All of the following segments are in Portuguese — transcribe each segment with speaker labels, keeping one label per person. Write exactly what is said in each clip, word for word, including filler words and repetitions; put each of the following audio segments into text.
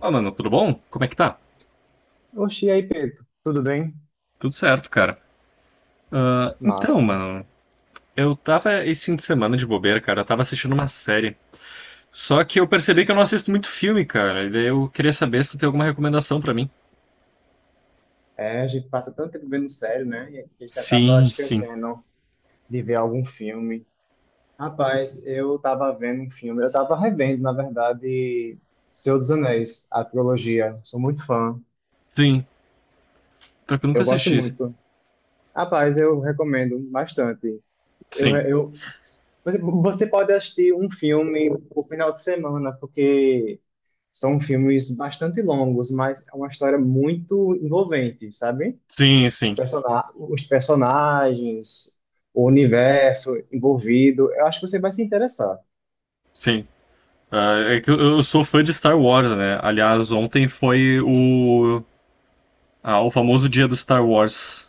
Speaker 1: Ó, oh, mano, tudo bom? Como é que tá?
Speaker 2: Oxi, e aí, Pedro? Tudo bem?
Speaker 1: Tudo certo, cara. Ah, então,
Speaker 2: Massa.
Speaker 1: mano, eu tava esse fim de semana de bobeira, cara. Eu tava assistindo uma série. Só que eu percebi que eu não assisto muito filme, cara. E daí eu queria saber se tu tem alguma recomendação pra mim.
Speaker 2: É, a gente passa tanto tempo vendo série, né? E a gente acaba
Speaker 1: Sim, sim.
Speaker 2: esquecendo de ver algum filme. Rapaz, eu tava vendo um filme, eu tava revendo, na verdade, Senhor dos Anéis, a trilogia. Sou muito fã,
Speaker 1: Sim. Pior que eu nunca
Speaker 2: eu gosto
Speaker 1: assisti.
Speaker 2: muito. Rapaz, eu recomendo bastante. Eu,
Speaker 1: Sim.
Speaker 2: re- eu, você pode assistir um filme no final de semana, porque são filmes bastante longos, mas é uma história muito envolvente, sabe?
Speaker 1: Sim,
Speaker 2: os,
Speaker 1: sim.
Speaker 2: persona- os personagens, o universo envolvido. Eu acho que você vai se interessar.
Speaker 1: Sim. Ah, é que eu, eu sou fã de Star Wars, né? Aliás, ontem foi o. Ah, o famoso dia do Star Wars.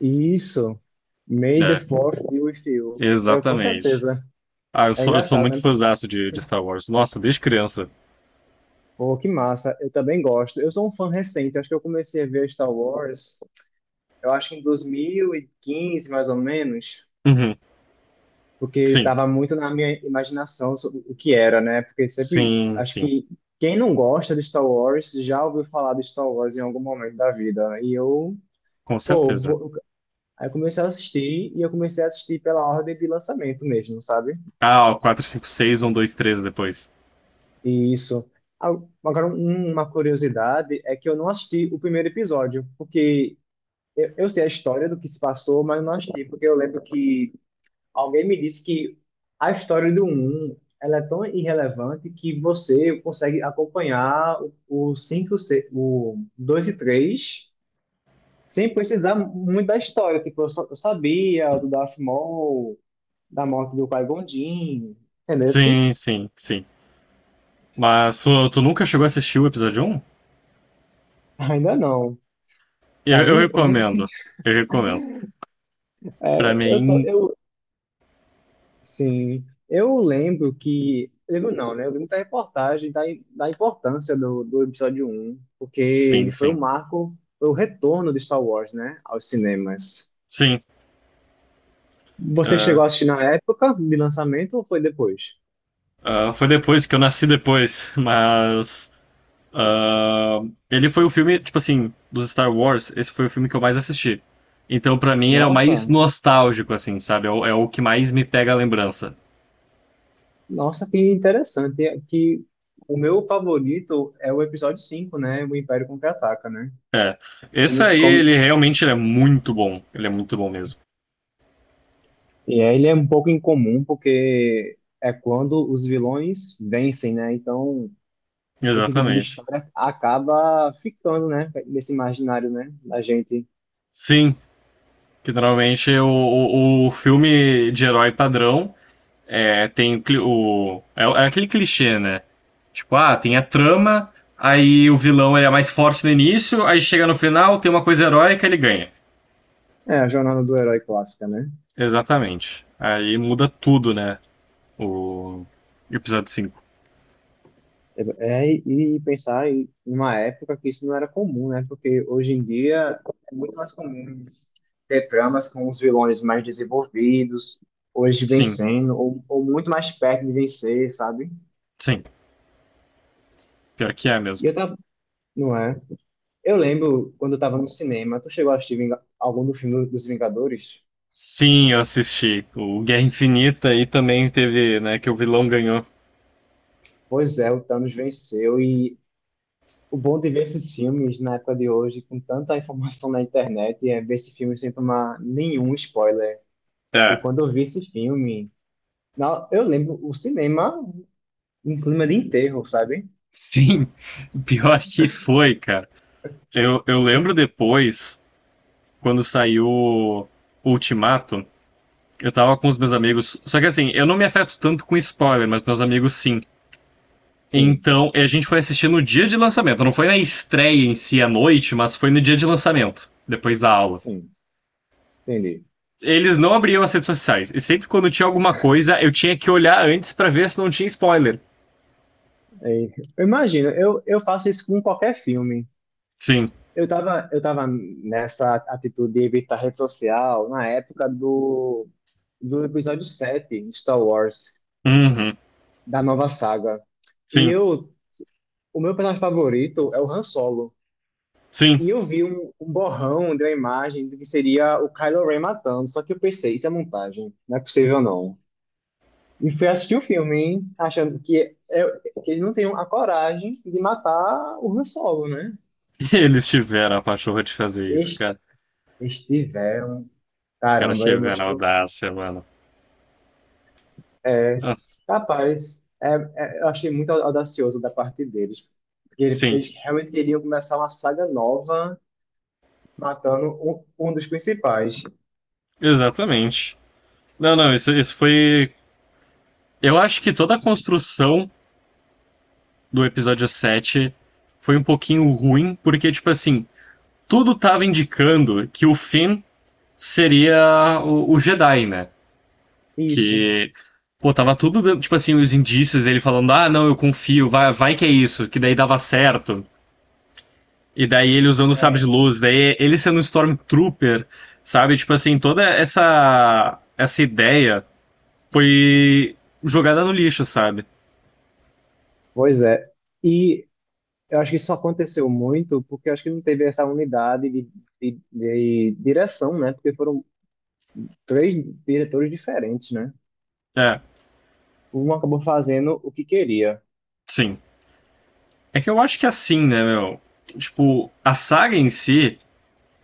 Speaker 2: E Isso. May the
Speaker 1: É,
Speaker 2: Fourth be with you. Eu, com
Speaker 1: exatamente.
Speaker 2: certeza.
Speaker 1: Ah, eu
Speaker 2: É
Speaker 1: sou, eu sou
Speaker 2: engraçado,
Speaker 1: muito
Speaker 2: né?
Speaker 1: fãzaço de, de Star Wars. Nossa, desde criança.
Speaker 2: Pô, que massa. Eu também gosto. Eu sou um fã recente. Acho que eu comecei a ver Star Wars, eu acho que em dois mil e quinze, mais ou menos,
Speaker 1: Uhum.
Speaker 2: porque
Speaker 1: Sim,
Speaker 2: estava muito na minha imaginação sobre o que era, né? Porque sempre,
Speaker 1: sim,
Speaker 2: acho
Speaker 1: sim,
Speaker 2: que quem não gosta de Star Wars já ouviu falar de Star Wars em algum momento da vida. E eu
Speaker 1: com
Speaker 2: Pô,
Speaker 1: certeza.
Speaker 2: vou- aí eu comecei a assistir e eu comecei a assistir pela ordem de lançamento mesmo, sabe?
Speaker 1: Ah, o quatro, cinco, seis, um, dois, três depois.
Speaker 2: E isso. Ah, agora, um- uma curiosidade é que eu não assisti o primeiro episódio, porque eu, eu sei a história do que se passou, mas não assisti, porque eu lembro que alguém me disse que a história do um, ela é tão irrelevante que você consegue acompanhar o cinco, o dois e três sem precisar muito da história. Tipo, eu, só, eu sabia do Darth Maul, da morte do Qui-Gon Jinn, entendeu? Assim?
Speaker 1: Sim, sim, sim. Mas tu, tu nunca chegou a assistir o episódio um.
Speaker 2: Ainda não,
Speaker 1: Eu, eu
Speaker 2: sabe? Eu nunca
Speaker 1: recomendo,
Speaker 2: senti.
Speaker 1: eu recomendo. Pra
Speaker 2: É, eu tô,
Speaker 1: mim,
Speaker 2: eu, sim, eu lembro que, lembro não, né? Eu lembro da reportagem da, da importância do, do episódio um, porque
Speaker 1: sim,
Speaker 2: ele foi o
Speaker 1: sim,
Speaker 2: marco, foi o retorno de Star Wars, né, aos cinemas.
Speaker 1: sim.
Speaker 2: Você
Speaker 1: É,
Speaker 2: chegou a assistir na época de lançamento ou foi depois?
Speaker 1: ah, foi depois que eu nasci depois, mas ah, ele foi o filme, tipo assim, dos Star Wars, esse foi o filme que eu mais assisti. Então, pra mim, ele é o mais
Speaker 2: Nossa,
Speaker 1: nostálgico, assim, sabe? É o, é o que mais me pega a lembrança.
Speaker 2: nossa, que interessante, que o meu favorito é o episódio cinco, né? O Império Contra-Ataca, né?
Speaker 1: É. Esse
Speaker 2: Como,
Speaker 1: aí,
Speaker 2: como,
Speaker 1: ele realmente ele é muito bom. Ele é muito bom mesmo.
Speaker 2: E é, ele é um pouco incomum porque é quando os vilões vencem, né? Então, esse tipo de
Speaker 1: Exatamente.
Speaker 2: história acaba ficando, né? Nesse imaginário, né? Da gente.
Speaker 1: Sim, que normalmente o, o, o filme de herói padrão é, tem o, cli- o. É, é aquele clichê, né? Tipo, ah, tem a trama, aí o vilão ele é mais forte no início, aí chega no final, tem uma coisa heróica ele ganha.
Speaker 2: É a jornada do herói clássica, né?
Speaker 1: Exatamente. Aí muda tudo, né? O episódio cinco.
Speaker 2: É, é, e pensar em uma época que isso não era comum, né? Porque hoje em dia é muito mais comum ter tramas com os vilões mais desenvolvidos, hoje
Speaker 1: Sim,
Speaker 2: vencendo, ou, ou muito mais perto de vencer, sabe?
Speaker 1: sim. Pior que é
Speaker 2: E
Speaker 1: mesmo.
Speaker 2: eu tava, não é? Eu lembro quando eu tava no cinema, tu chegou a assistir Vinga- algum do filme dos Vingadores?
Speaker 1: Sim, eu assisti. O Guerra Infinita aí também teve, né, que o vilão ganhou.
Speaker 2: Pois é, o Thanos venceu e o bom de ver esses filmes na época de hoje, com tanta informação na internet, é ver esse filme sem tomar nenhum spoiler. E
Speaker 1: É,
Speaker 2: quando eu vi esse filme, na- eu lembro o cinema em clima de enterro, sabe?
Speaker 1: sim, pior que foi, cara. Eu, eu lembro depois, quando saiu Ultimato, eu tava com os meus amigos. Só que assim, eu não me afeto tanto com spoiler, mas meus amigos sim.
Speaker 2: Sim,
Speaker 1: Então, a gente foi assistir no dia de lançamento. Não foi na estreia em si à noite, mas foi no dia de lançamento, depois da aula.
Speaker 2: sim, entendi.
Speaker 1: Eles não abriam as redes sociais. E sempre quando tinha alguma coisa, eu tinha que olhar antes para ver se não tinha spoiler.
Speaker 2: É, eu imagino, eu, eu faço isso com qualquer filme.
Speaker 1: Sim.
Speaker 2: Eu tava, eu tava nessa atitude de evitar rede social na época do, do episódio sete de Star Wars,
Speaker 1: Uhum.
Speaker 2: da nova saga. E
Speaker 1: Sim.
Speaker 2: eu, o meu personagem favorito é o Han Solo.
Speaker 1: Sim.
Speaker 2: E eu vi um, um borrão de uma imagem de que seria o Kylo Ren matando, só que eu pensei, isso é montagem, não é possível não. E fui assistir o filme, hein, achando que, é, que eles não tinham a coragem de matar o Han Solo, né?
Speaker 1: Eles tiveram a pachorra de fazer isso,
Speaker 2: Eles,
Speaker 1: cara.
Speaker 2: eles tiveram,
Speaker 1: Os caras
Speaker 2: caramba, eu não.
Speaker 1: tiveram a audácia, mano.
Speaker 2: É,
Speaker 1: Ah,
Speaker 2: rapaz, é, é, eu achei muito audacioso da parte deles, porque ele-
Speaker 1: sim,
Speaker 2: eles realmente queriam começar uma saga nova matando um, um dos principais.
Speaker 1: exatamente. Não, não, isso, isso foi. Eu acho que toda a construção do episódio sete foi um pouquinho ruim, porque, tipo assim, tudo tava indicando que o Finn seria o, o Jedi, né?
Speaker 2: Isso,
Speaker 1: Que. Pô, tava tudo, dando, tipo assim, os indícios dele falando, ah, não, eu confio, vai, vai que é isso, que daí dava certo. E daí ele usando o sabre de
Speaker 2: é,
Speaker 1: luz, daí ele sendo um Stormtrooper, sabe? Tipo assim, toda essa essa ideia foi jogada no lixo, sabe?
Speaker 2: pois é. E eu acho que isso aconteceu muito porque eu acho que não teve essa unidade de, de, de direção, né? Porque foram três diretores diferentes, né?
Speaker 1: É,
Speaker 2: Um acabou fazendo o que queria.
Speaker 1: sim. É que eu acho que é assim, né, meu? Tipo, a saga em si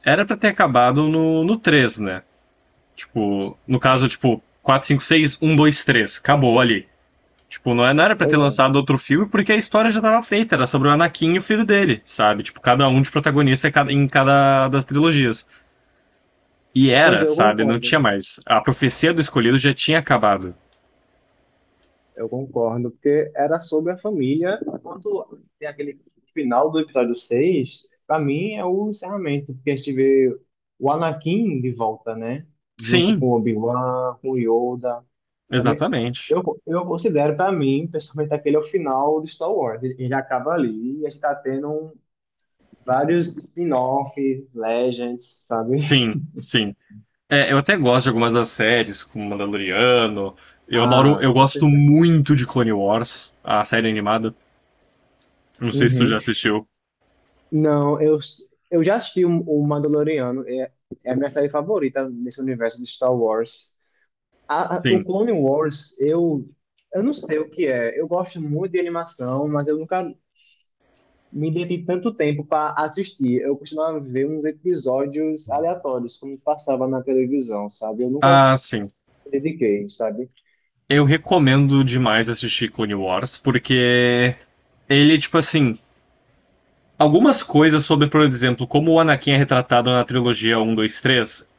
Speaker 1: era pra ter acabado no, no três, né? Tipo, no caso, tipo, quatro, cinco, seis, um, dois, três. Acabou ali. Tipo, não é- não era pra ter
Speaker 2: Pois é,
Speaker 1: lançado outro filme porque a história já tava feita. Era sobre o Anakin e o filho dele, sabe? Tipo, cada um de protagonista em cada das trilogias. E
Speaker 2: pois
Speaker 1: era,
Speaker 2: é, eu
Speaker 1: sabe? Não
Speaker 2: concordo.
Speaker 1: tinha mais. A profecia do escolhido já tinha acabado.
Speaker 2: Eu concordo, porque era sobre a família. Quando tem aquele final do episódio seis para mim é o encerramento, porque a gente vê o Anakin de volta, né? Junto
Speaker 1: Sim,
Speaker 2: com o Obi-Wan, com o Yoda. Pra mim,
Speaker 1: exatamente.
Speaker 2: eu, eu considero, para mim, pessoalmente, aquele é o final de Star Wars. Ele ele acaba ali e a gente tá tendo vários spin-off, Legends, sabe?
Speaker 1: Sim, sim. É, eu até gosto de algumas das séries, como Mandaloriano. Eu adoro,
Speaker 2: Ah,
Speaker 1: eu
Speaker 2: com
Speaker 1: gosto
Speaker 2: certeza.
Speaker 1: muito de Clone Wars, a série animada. Não sei se tu já
Speaker 2: Uhum.
Speaker 1: assistiu.
Speaker 2: Não, eu, eu já assisti o, o Mandaloriano, é, é a minha série favorita nesse universo de Star Wars. A, a- o
Speaker 1: Sim.
Speaker 2: Clone Wars, eu, eu não sei o que é. Eu gosto muito de animação, mas eu nunca me dediquei tanto tempo para assistir. Eu costumava ver uns episódios aleatórios, como passava na televisão, sabe? Eu nunca
Speaker 1: Ah,
Speaker 2: me
Speaker 1: sim.
Speaker 2: dediquei, sabe?
Speaker 1: Eu recomendo demais assistir Clone Wars, porque ele, tipo assim, algumas coisas sobre, por exemplo, como o Anakin é retratado na trilogia um, dois, três.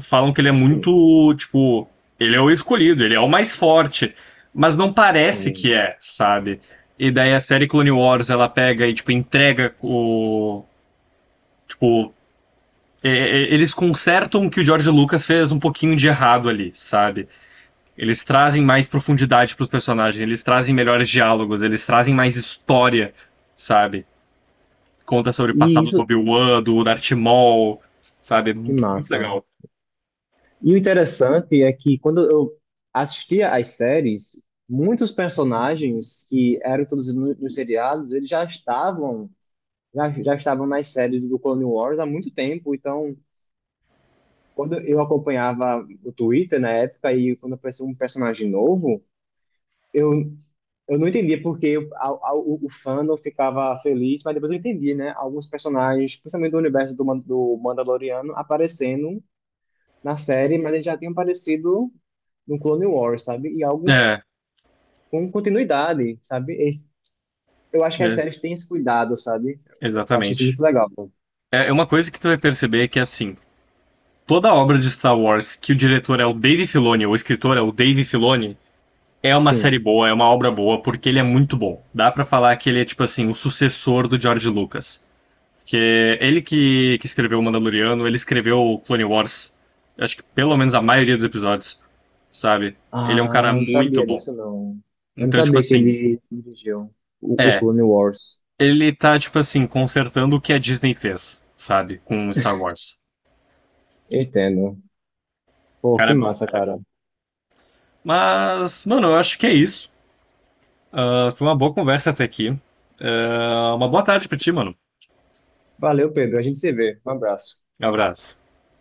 Speaker 1: Falam que ele é
Speaker 2: Sim,
Speaker 1: muito, tipo, ele é o escolhido, ele é o mais forte, mas não parece que
Speaker 2: sim.
Speaker 1: é, sabe? E daí a série Clone Wars, ela pega e, tipo, entrega o. Tipo, é, é, eles consertam o que o George Lucas fez um pouquinho de errado ali, sabe? Eles trazem mais profundidade pros personagens, eles trazem melhores diálogos, eles trazem mais história, sabe? Conta sobre o
Speaker 2: E
Speaker 1: passado do
Speaker 2: isso,
Speaker 1: Obi-Wan, do Darth Maul, sabe?
Speaker 2: que
Speaker 1: Muito
Speaker 2: massa.
Speaker 1: legal.
Speaker 2: E o interessante é que quando eu assistia às séries, muitos personagens que eram todos no- nos seriados, eles já estavam já, já estavam nas séries do Clone Wars há muito tempo. Então, quando eu acompanhava o Twitter na época e quando aparecia um personagem novo, eu eu não entendia porque a, a, o, o fandom ficava feliz, mas depois eu entendi, né? Alguns personagens, principalmente do universo do, Man- do Mandaloriano, aparecendo na série, mas eles já tinham aparecido no Clone Wars, sabe? E algo
Speaker 1: É,
Speaker 2: com continuidade, sabe? Eles... Eu acho que as
Speaker 1: é
Speaker 2: séries têm esse cuidado, sabe? Eu acho isso
Speaker 1: exatamente.
Speaker 2: muito legal.
Speaker 1: É é uma coisa que tu vai perceber que, assim, toda obra de Star Wars que o diretor é o Dave Filoni, ou o escritor é o Dave Filoni, é uma série
Speaker 2: Sim.
Speaker 1: boa, é uma obra boa, porque ele é muito bom. Dá pra falar que ele é, tipo assim, o sucessor do George Lucas. Que ele que, que escreveu o Mandaloriano, ele escreveu o Clone Wars. Acho que pelo menos a maioria dos episódios, sabe? Ele é um cara
Speaker 2: Ah, não
Speaker 1: muito
Speaker 2: sabia
Speaker 1: bom.
Speaker 2: disso, não. Eu não
Speaker 1: Então, tipo
Speaker 2: sabia que
Speaker 1: assim,
Speaker 2: ele dirigiu o, o
Speaker 1: é.
Speaker 2: Clone Wars.
Speaker 1: Ele tá, tipo assim, consertando o que a Disney fez, sabe? Com Star Wars.
Speaker 2: Entendo.
Speaker 1: O
Speaker 2: Pô,
Speaker 1: cara é
Speaker 2: que
Speaker 1: bom, o
Speaker 2: massa,
Speaker 1: cara é
Speaker 2: cara.
Speaker 1: bom. Mas, mano, eu acho que é isso. Ah, foi uma boa conversa até aqui. Ah, uma boa tarde pra ti, mano.
Speaker 2: Valeu, Pedro. A gente se vê. Um abraço.
Speaker 1: Um abraço.